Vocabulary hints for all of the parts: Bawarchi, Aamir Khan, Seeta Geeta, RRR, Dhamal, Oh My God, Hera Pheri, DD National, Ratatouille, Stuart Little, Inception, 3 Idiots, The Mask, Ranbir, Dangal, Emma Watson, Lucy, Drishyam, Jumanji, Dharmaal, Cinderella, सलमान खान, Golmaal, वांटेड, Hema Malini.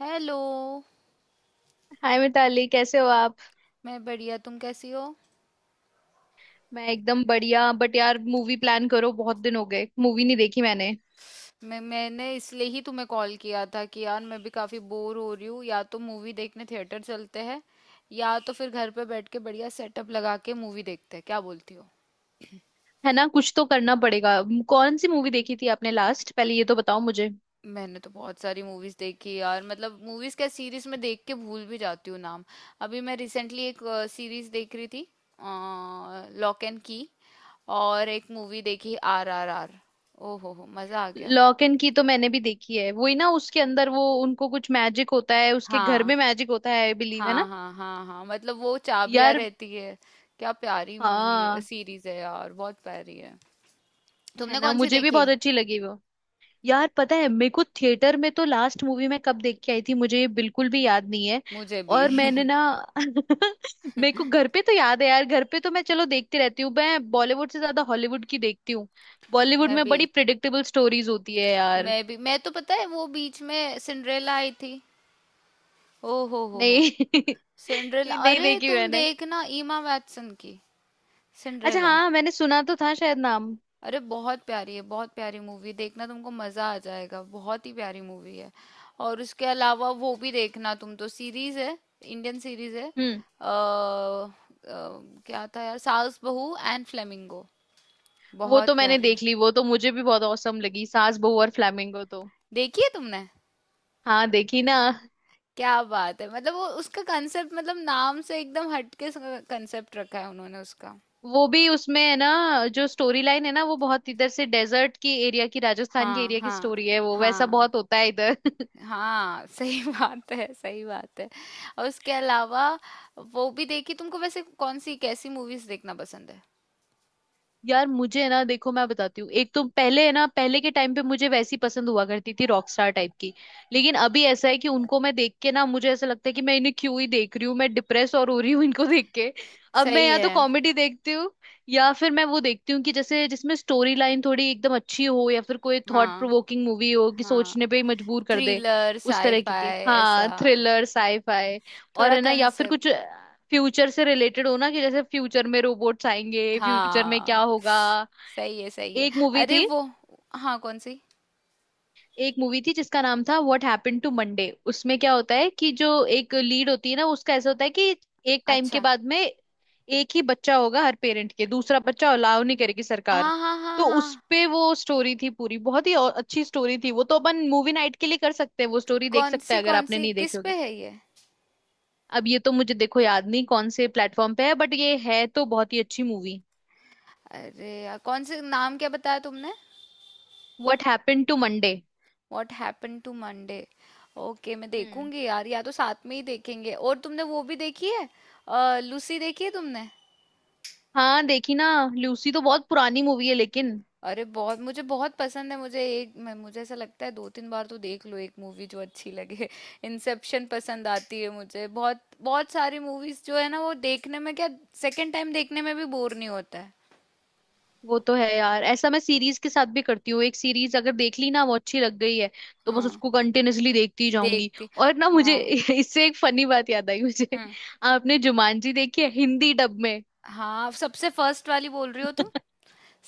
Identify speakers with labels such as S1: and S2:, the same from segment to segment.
S1: Hello.
S2: Hi Mitali, कैसे हो आप।
S1: मैं बढ़िया। तुम कैसी हो?
S2: मैं एकदम बढ़िया। बट यार, मूवी प्लान करो। बहुत दिन हो गए, मूवी नहीं देखी मैंने।
S1: मैंने इसलिए ही तुम्हें कॉल किया था कि यार मैं भी काफ़ी बोर हो रही हूँ। या तो मूवी देखने थिएटर चलते हैं, या तो फिर घर पे बैठ के बढ़िया सेटअप लगा के मूवी देखते हैं। क्या बोलती हो?
S2: है ना, कुछ तो करना पड़ेगा। कौन सी मूवी देखी थी आपने लास्ट? पहले ये तो बताओ मुझे।
S1: मैंने तो बहुत सारी मूवीज़ देखी यार, मतलब मूवीज़ क्या सीरीज़ में देख के भूल भी जाती हूँ नाम। अभी मैं रिसेंटली एक सीरीज़ देख रही थी, लॉक एंड की। और एक मूवी देखी, आर आर आर। ओ हो, मज़ा आ गया।
S2: लॉक एंड की तो मैंने भी देखी है। वही ना, उसके अंदर वो, उनको कुछ मैजिक होता है, उसके घर
S1: हाँ,
S2: में मैजिक होता है, आई बिलीव। है
S1: हाँ
S2: ना?
S1: हाँ हाँ हाँ, मतलब वो चाबियां
S2: यार
S1: रहती है। क्या प्यारी मूवी है,
S2: हाँ,
S1: सीरीज है यार, बहुत प्यारी है।
S2: है
S1: तुमने
S2: ना,
S1: कौन सी
S2: मुझे भी
S1: देखी?
S2: बहुत अच्छी लगी वो। यार पता है, मेरे को थिएटर में तो लास्ट मूवी मैं कब देख के आई थी मुझे ये बिल्कुल भी याद नहीं है।
S1: मुझे भी
S2: और मैंने ना मेरे को घर पे तो याद है। यार घर पे तो मैं चलो देखती रहती हूँ। मैं बॉलीवुड से ज्यादा हॉलीवुड की देखती हूँ। बॉलीवुड
S1: मैं
S2: में
S1: भी
S2: बड़ी प्रिडिक्टेबल स्टोरीज होती है यार।
S1: मैं तो, पता है, वो बीच में सिंड्रेला आई थी। ओ हो हो।
S2: नहीं
S1: सिंड्रेला,
S2: ये नहीं
S1: अरे
S2: देखी
S1: तुम
S2: मैंने।
S1: देखना, ईमा वैटसन की
S2: अच्छा
S1: सिंड्रेला।
S2: हाँ, मैंने सुना तो था शायद नाम।
S1: अरे बहुत प्यारी है, बहुत प्यारी मूवी, देखना तुमको मजा आ जाएगा, बहुत ही प्यारी मूवी है। और उसके अलावा वो भी देखना, तुम, तो सीरीज है, इंडियन सीरीज है।
S2: हम्म।
S1: क्या था यार, सास बहू एंड फ्लेमिंगो।
S2: वो तो
S1: बहुत
S2: मैंने
S1: प्यारी है।
S2: देख ली। वो तो मुझे भी बहुत औसम लगी सास बहू और फ्lamingo तो।
S1: देखी है तुमने?
S2: हाँ देखी ना।
S1: क्या बात है, मतलब वो उसका कंसेप्ट, मतलब नाम से एकदम हटके कंसेप्ट रखा है उन्होंने उसका।
S2: वो भी उसमें है ना, जो स्टोरी लाइन है ना, वो बहुत इधर से डेजर्ट की एरिया की, राजस्थान के
S1: हाँ
S2: एरिया की
S1: हाँ।
S2: स्टोरी है। वो वैसा
S1: हाँ
S2: बहुत होता है इधर।
S1: हाँ। सही बात है, सही बात है। और उसके अलावा वो भी देखी तुमको। वैसे कौन सी, कैसी मूवीज देखना पसंद है?
S2: यार मुझे ना, देखो मैं बताती हूँ। एक तो पहले है ना, पहले के टाइम पे मुझे वैसी पसंद हुआ करती थी, रॉक स्टार टाइप की। लेकिन अभी ऐसा है कि उनको मैं देख के ना, मुझे ऐसा लगता है कि मैं इन्हें क्यों ही देख रही हूँ, मैं डिप्रेस और हो रही हूँ इनको देख के। अब मैं
S1: सही
S2: या तो
S1: है।
S2: कॉमेडी देखती हूँ, या फिर मैं वो देखती हूँ कि जैसे जिसमें स्टोरी लाइन थोड़ी एकदम अच्छी हो, या फिर कोई थॉट
S1: हाँ
S2: प्रोवोकिंग मूवी हो कि सोचने
S1: हाँ,
S2: पे ही मजबूर कर दे।
S1: थ्रिलर
S2: उस तरह की के,
S1: साईफाई ऐसा,
S2: हाँ, थ्रिलर साईफाई। और
S1: थोड़ा
S2: है ना, या फिर कुछ
S1: कंसेप्ट।
S2: फ्यूचर से रिलेटेड हो ना, कि जैसे फ्यूचर में रोबोट्स आएंगे, फ्यूचर में क्या
S1: हाँ,
S2: होगा।
S1: सही है, सही है।
S2: एक मूवी
S1: अरे
S2: थी
S1: वो, हाँ, कौन सी?
S2: एक मूवी थी जिसका नाम था व्हाट हैपेंड टू मंडे। उसमें क्या होता है कि जो एक लीड होती है ना, उसका ऐसा होता है कि एक टाइम के
S1: अच्छा,
S2: बाद में एक ही बच्चा होगा हर पेरेंट के, दूसरा बच्चा अलाउ नहीं करेगी सरकार।
S1: हाँ हाँ हाँ
S2: तो उस
S1: हाँ।
S2: पे वो स्टोरी थी पूरी, बहुत ही और अच्छी स्टोरी थी वो तो। अपन मूवी नाइट के लिए कर सकते हैं, वो स्टोरी देख
S1: कौन
S2: सकते
S1: सी,
S2: हैं अगर
S1: कौन
S2: आपने
S1: सी,
S2: नहीं
S1: किस
S2: देखी
S1: पे
S2: होगी।
S1: है ये?
S2: अब ये तो मुझे देखो याद नहीं कौन से प्लेटफॉर्म पे है, बट ये है तो बहुत ही अच्छी मूवी।
S1: अरे यार, कौन से, नाम क्या बताया तुमने?
S2: What happened to Monday.
S1: What happen to Monday. Okay, मैं
S2: हम्म।
S1: देखूंगी यार, या तो साथ में ही देखेंगे। और तुमने वो भी देखी है? लूसी देखी है तुमने?
S2: हाँ देखी ना। लूसी तो बहुत पुरानी मूवी है लेकिन।
S1: अरे बहुत, मुझे बहुत पसंद है, मुझे एक मैं मुझे ऐसा लगता है, दो तीन बार तो देख लो एक मूवी जो अच्छी लगे इंसेप्शन पसंद आती है मुझे बहुत। बहुत सारी मूवीज जो है ना वो देखने में क्या, सेकंड टाइम देखने में भी बोर नहीं होता है।
S2: वो तो है यार, ऐसा मैं सीरीज के साथ भी करती हूँ। एक सीरीज अगर देख ली ना वो अच्छी लग गई है, तो बस
S1: हाँ,
S2: उसको कंटिन्यूअसली देखती ही जाऊंगी।
S1: देखती।
S2: और ना मुझे
S1: हाँ।
S2: इससे एक फनी बात याद आई मुझे।
S1: हम्म।
S2: आपने जुमानजी देखी है हिंदी डब में?
S1: हाँ, सबसे फर्स्ट वाली बोल रही हो तुम?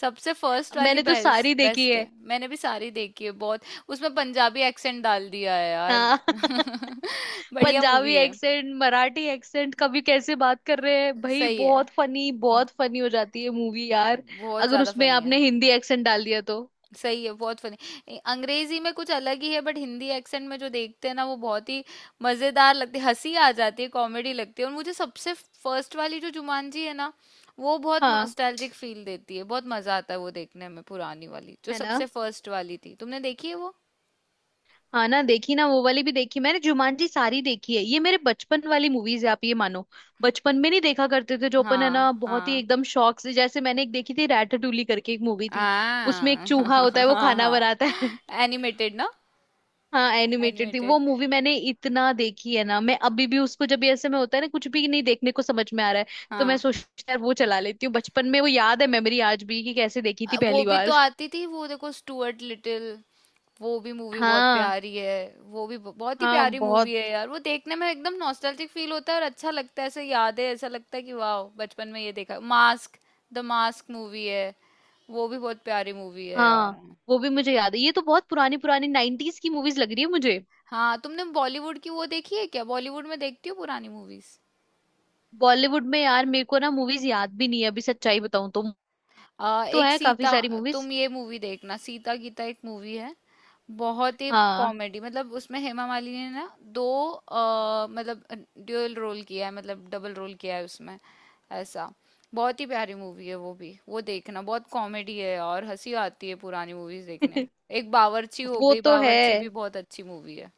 S1: सबसे फर्स्ट वाली
S2: मैंने तो
S1: बेस्ट,
S2: सारी देखी
S1: बेस्ट
S2: है।
S1: है, मैंने भी सारी देखी है बहुत। उसमें पंजाबी एक्सेंट डाल दिया है यार
S2: हाँ
S1: बढ़िया
S2: पंजाबी
S1: मूवी है।
S2: एक्सेंट, मराठी एक्सेंट, कभी कैसे बात कर रहे हैं भाई,
S1: सही है।
S2: बहुत फनी, बहुत फनी हो जाती है मूवी यार।
S1: बहुत
S2: अगर
S1: ज्यादा
S2: उसमें
S1: फनी है।
S2: आपने हिंदी एक्सेंट डाल दिया तो।
S1: सही है, बहुत फनी अंग्रेजी में कुछ अलग ही है, बट हिंदी एक्सेंट में जो देखते हैं ना वो बहुत ही मजेदार लगती है, हंसी आ जाती है, कॉमेडी लगती है। और मुझे सबसे फर्स्ट वाली जो जुमानजी है ना, वो बहुत
S2: हाँ,
S1: नॉस्टैल्जिक फील देती है, बहुत मजा आता है वो देखने में, पुरानी वाली जो
S2: है ना।
S1: सबसे फर्स्ट वाली थी। तुमने देखी है वो?
S2: हाँ ना, देखी ना, वो वाली भी देखी मैंने। जुमानजी सारी देखी है। ये मेरे बचपन वाली मूवीज है आप ये मानो। बचपन में नहीं देखा करते थे जो अपन है
S1: हाँ।
S2: ना, बहुत ही
S1: हाँ
S2: एकदम शौक से। जैसे मैंने एक देखी थी रैटाटूली करके, एक मूवी थी। उसमें एक
S1: हाँ
S2: चूहा होता है, वो खाना
S1: हाँ।
S2: बनाता है।
S1: एनिमेटेड ना?
S2: हाँ, एनिमेटेड थी वो
S1: एनिमेटेड।
S2: मूवी। मैंने इतना देखी है ना, मैं अभी भी उसको जब भी ऐसे में होता है ना कुछ भी नहीं देखने को समझ में आ रहा है। तो मैं
S1: हाँ।
S2: सोचती हूँ यार, वो चला लेती हूँ। बचपन में वो याद है, मेमोरी आज भी कि कैसे देखी थी
S1: वो
S2: पहली
S1: भी
S2: बार।
S1: तो आती थी, वो देखो, स्टुअर्ट लिटिल, वो भी मूवी बहुत
S2: हाँ,
S1: प्यारी है। वो भी बहुत ही
S2: हाँ,
S1: प्यारी
S2: बहुत।
S1: मूवी है यार, वो देखने में एकदम नॉस्टैल्जिक फील होता है और अच्छा लगता है, ऐसे यादें, ऐसा लगता है कि वाह बचपन में ये देखा। मास्क, द मास्क मूवी है, वो भी बहुत प्यारी मूवी है यार।
S2: हाँ वो भी मुझे याद है। ये तो बहुत पुरानी पुरानी नाइनटीज की मूवीज लग रही है मुझे।
S1: हाँ, तुमने बॉलीवुड की वो देखी है क्या? बॉलीवुड में देखती हो पुरानी मूवीज?
S2: बॉलीवुड में यार मेरे को ना मूवीज याद भी नहीं है अभी, सच्चाई बताऊं तो। तो
S1: एक
S2: है काफी
S1: सीता,
S2: सारी मूवीज।
S1: तुम ये मूवी देखना, सीता गीता एक मूवी है, बहुत ही
S2: हाँ
S1: कॉमेडी, मतलब उसमें हेमा मालिनी ने ना दो, मतलब ड्यूअल रोल किया है, मतलब डबल रोल किया है उसमें, ऐसा। बहुत ही प्यारी मूवी है वो भी, वो देखना, बहुत कॉमेडी है और हंसी आती है पुरानी मूवीज देखने। एक बावर्ची हो
S2: वो
S1: गई,
S2: तो है।
S1: बावर्ची भी बहुत अच्छी मूवी है।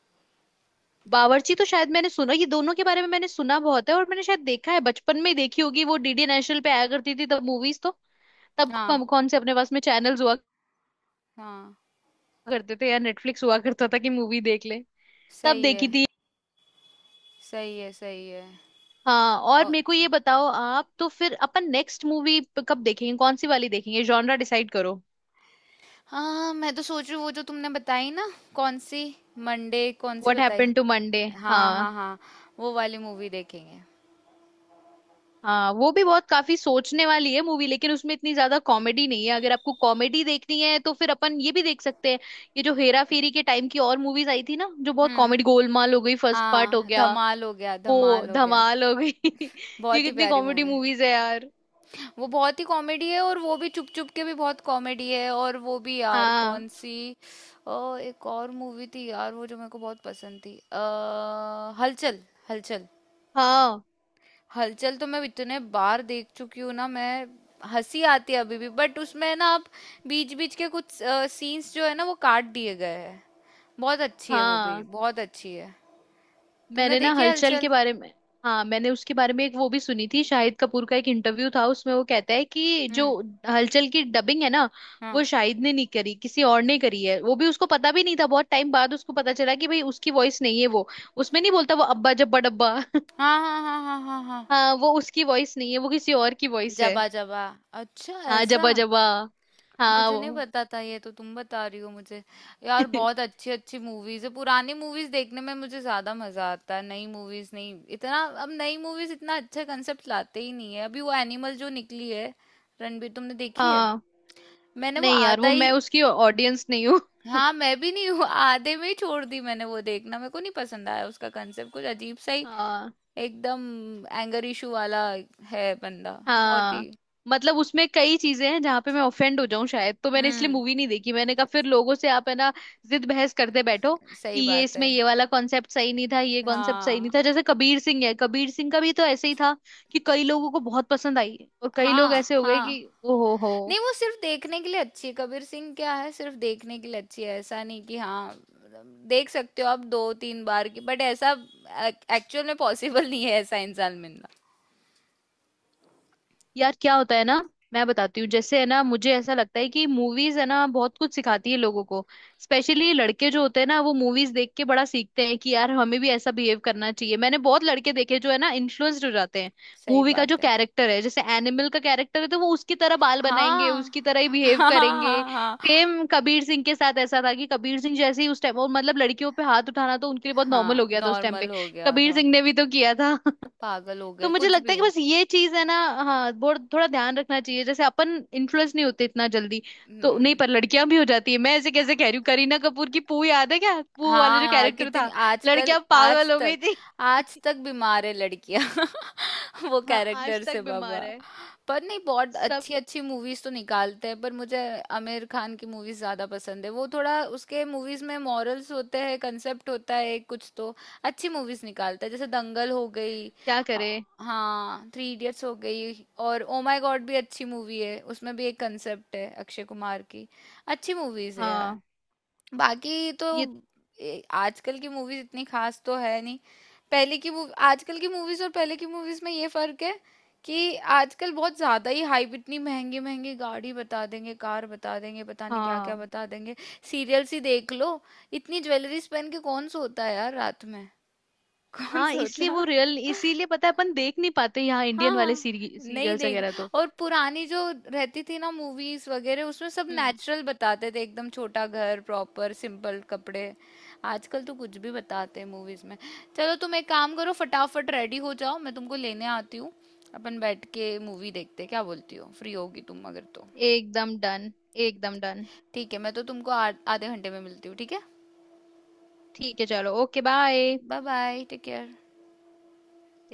S2: बावर्ची तो शायद मैंने सुना, ये दोनों के बारे में मैंने सुना बहुत है, और मैंने शायद देखा है, बचपन में ही देखी होगी, वो डीडी नेशनल पे आया करती थी तब मूवीज तो। तब
S1: हाँ
S2: कौन कौन से अपने पास में चैनल्स हुआ
S1: हाँ।
S2: करते थे, या नेटफ्लिक्स हुआ करता था कि मूवी देख ले। तब
S1: सही है,
S2: देखी थी।
S1: सही है। सही है।
S2: हाँ और मेरे को ये बताओ आप, तो फिर अपन नेक्स्ट मूवी कब देखेंगे, कौन सी वाली देखेंगे, जॉनरा डिसाइड करो।
S1: हाँ, मैं तो सोच रही हूँ वो जो तुमने बताई ना, कौन सी, मंडे, कौन सी
S2: व्हाट
S1: बताई?
S2: Happened to Monday.
S1: हाँ
S2: हाँ,
S1: हाँ हाँ। वो वाली मूवी देखेंगे।
S2: हाँ। वो भी बहुत काफी सोचने वाली है मूवी, लेकिन उसमें इतनी ज्यादा कॉमेडी नहीं है। अगर आपको कॉमेडी देखनी है तो फिर अपन ये भी देख सकते हैं। ये जो हेरा फेरी के टाइम की और मूवीज आई थी ना, जो बहुत
S1: हम्म।
S2: कॉमेडी, गोलमाल हो गई, फर्स्ट पार्ट हो
S1: हाँ,
S2: गया।
S1: धमाल हो गया,
S2: वो
S1: धमाल हो गया।
S2: धमाल हो गई ये
S1: बहुत ही
S2: कितनी
S1: प्यारी
S2: कॉमेडी
S1: मूवी।
S2: मूवीज है यार।
S1: वो बहुत ही कॉमेडी है, और वो भी चुप चुप के भी बहुत कॉमेडी है, और वो भी यार,
S2: हाँ,
S1: कौन सी, एक और मूवी थी यार, वो जो मेरे को बहुत पसंद थी, हलचल। हलचल।
S2: हाँ,
S1: हलचल तो मैं इतने बार देख चुकी हूँ ना मैं। हंसी आती है अभी भी, बट उसमें ना आप, बीच बीच के कुछ सीन्स जो है ना वो काट दिए गए हैं। बहुत अच्छी है, वो भी
S2: हाँ।
S1: बहुत अच्छी है। तुमने
S2: मैंने ना
S1: देखी है
S2: हलचल के
S1: हलचल?
S2: बारे में। हाँ, मैंने उसके बारे में एक वो भी सुनी थी, शाहिद कपूर का एक इंटरव्यू था, उसमें वो कहता है कि जो
S1: हम्म।
S2: हलचल की डबिंग है ना,
S1: हाँ
S2: वो शाहिद ने नहीं करी, किसी और ने करी है। वो भी उसको पता भी नहीं था, बहुत टाइम बाद उसको पता चला कि भाई उसकी वॉइस नहीं है वो। उसमें नहीं बोलता वो अब्बा जब्बा डब्बा
S1: हाँ हाँ हाँ हाँ हाँ हाँ।
S2: हाँ वो उसकी वॉइस नहीं है, वो किसी और की वॉइस है।
S1: जबा जबा। अच्छा,
S2: हाँ
S1: ऐसा?
S2: जब्बा जब्बा, हाँ
S1: मुझे नहीं
S2: वो
S1: पता था, ये तो तुम बता रही हो मुझे। यार बहुत अच्छी अच्छी मूवीज है, पुरानी मूवीज देखने में मुझे ज्यादा मजा आता है, नई मूवीज नहीं इतना। अब नई मूवीज इतना अच्छा कंसेप्ट लाते ही नहीं है। अभी वो एनिमल जो निकली है, रणबीर, तुमने देखी है?
S2: हाँ।
S1: मैंने वो
S2: नहीं यार,
S1: आधा
S2: वो मैं
S1: ही।
S2: उसकी ऑडियंस नहीं हूँ
S1: हाँ, मैं भी नहीं हूँ, आधे में ही छोड़ दी मैंने, वो देखना मेरे को नहीं पसंद आया, उसका कंसेप्ट कुछ अजीब सा ही,
S2: हाँ।
S1: एकदम एंगर इशू वाला है बंदा बहुत
S2: हाँ
S1: ही।
S2: मतलब उसमें कई चीजें हैं जहां पे मैं ऑफेंड हो जाऊं शायद, तो मैंने इसलिए
S1: हम्म।
S2: मूवी नहीं देखी। मैंने कहा फिर लोगों से आप है ना जिद बहस करते बैठो। कि
S1: सही
S2: ये
S1: बात
S2: इसमें
S1: है।
S2: ये वाला कॉन्सेप्ट सही नहीं था, ये कॉन्सेप्ट सही नहीं
S1: हाँ
S2: था। जैसे कबीर सिंह है, कबीर सिंह का भी तो ऐसे ही था। कि कई लोगों को बहुत पसंद आई, और कई लोग
S1: हाँ
S2: ऐसे हो गए
S1: हाँ।
S2: कि ओ हो हो।
S1: नहीं, वो सिर्फ देखने के लिए अच्छी है कबीर सिंह, क्या है, सिर्फ देखने के लिए अच्छी है, ऐसा नहीं कि, हाँ मतलब देख सकते हो आप दो तीन बार की, बट ऐसा एक्चुअल में पॉसिबल नहीं है, ऐसा इंसान मिलना।
S2: यार क्या होता है ना, मैं बताती हूँ। जैसे है ना मुझे ऐसा लगता है कि मूवीज है ना बहुत कुछ सिखाती है लोगों को। स्पेशली लड़के जो होते हैं ना, वो मूवीज देख के बड़ा सीखते हैं कि यार हमें भी ऐसा बिहेव करना चाहिए। मैंने बहुत लड़के देखे जो है ना इन्फ्लुएंस्ड हो जाते हैं।
S1: सही
S2: मूवी का जो
S1: बात है।
S2: कैरेक्टर है, जैसे एनिमल का कैरेक्टर है, तो वो उसकी तरह बाल बनाएंगे,
S1: हाँ।
S2: उसकी तरह ही बिहेव
S1: हाँ हाँ
S2: करेंगे।
S1: हाँ
S2: सेम कबीर सिंह के साथ ऐसा था कि कबीर सिंह जैसे ही उस टाइम और मतलब, लड़कियों पे हाथ उठाना तो उनके लिए बहुत नॉर्मल
S1: हाँ,
S2: हो गया था उस टाइम पे।
S1: नॉर्मल हो गया
S2: कबीर
S1: था।
S2: सिंह ने भी तो किया था।
S1: पागल हो
S2: तो
S1: गए,
S2: मुझे
S1: कुछ
S2: लगता है
S1: भी।
S2: कि बस ये चीज है ना। हाँ बहुत, थोड़ा ध्यान रखना चाहिए। जैसे अपन इन्फ्लुएंस नहीं होते इतना जल्दी। तो नहीं,
S1: हम्म।
S2: पर लड़कियां भी हो जाती है। मैं ऐसे कैसे कह रही हूँ, करीना कपूर की पू याद है क्या, पू वाला जो
S1: हाँ,
S2: कैरेक्टर
S1: कितनी
S2: था।
S1: आजकल,
S2: लड़कियां
S1: आज
S2: पागल हो गई
S1: तक,
S2: थी
S1: आज तक बीमार है लड़कियां। वो
S2: हाँ आज
S1: कैरेक्टर
S2: तक
S1: से बाबा।
S2: बीमार है
S1: पर नहीं, बहुत
S2: सब,
S1: अच्छी अच्छी मूवीज तो निकालते हैं, पर मुझे आमिर खान की मूवीज ज्यादा पसंद है। वो थोड़ा, उसके मूवीज में मॉरल्स होते हैं, कंसेप्ट होता है कुछ तो, अच्छी मूवीज निकालता है, जैसे दंगल हो गई,
S2: क्या
S1: अ,
S2: करे।
S1: हाँ थ्री इडियट्स हो गई, और ओ माय गॉड भी अच्छी मूवी है, उसमें भी एक कंसेप्ट है, अक्षय कुमार की। अच्छी मूवीज है
S2: हाँ
S1: यार, बाकी तो,
S2: ये,
S1: आजकल की मूवीज इतनी खास तो है नहीं। पहले की मूवी, आजकल की मूवीज और पहले की मूवीज में ये फर्क है कि आजकल बहुत ज्यादा ही हाइप, इतनी महंगी महंगी गाड़ी बता देंगे, कार बता देंगे, पता नहीं क्या क्या
S2: हाँ,
S1: बता देंगे। सीरियल्स ही देख लो, इतनी ज्वेलरीज पहन के कौन सोता है यार रात में? कौन
S2: हाँ, इसलिए वो
S1: सोता।
S2: रियल, इसीलिए पता है अपन देख नहीं पाते यहाँ इंडियन वाले
S1: हाँ, नहीं
S2: सीरियल्स
S1: देख।
S2: वगैरह तो।
S1: और पुरानी जो रहती थी ना मूवीज वगैरह, उसमें सब
S2: हम्म।
S1: नेचुरल बताते थे, एकदम छोटा घर, प्रॉपर सिंपल कपड़े। आजकल तो कुछ भी बताते हैं मूवीज में। चलो तुम एक काम करो, फटाफट रेडी हो जाओ, मैं तुमको लेने आती हूँ, अपन बैठ के मूवी देखते हैं, क्या बोलती हो, फ्री होगी तुम अगर तो?
S2: एकदम डन, एकदम डन।
S1: ठीक है, मैं तो तुमको आधे घंटे में मिलती हूँ, ठीक है?
S2: ठीक है, चलो, okay bye.
S1: Bye bye, take care.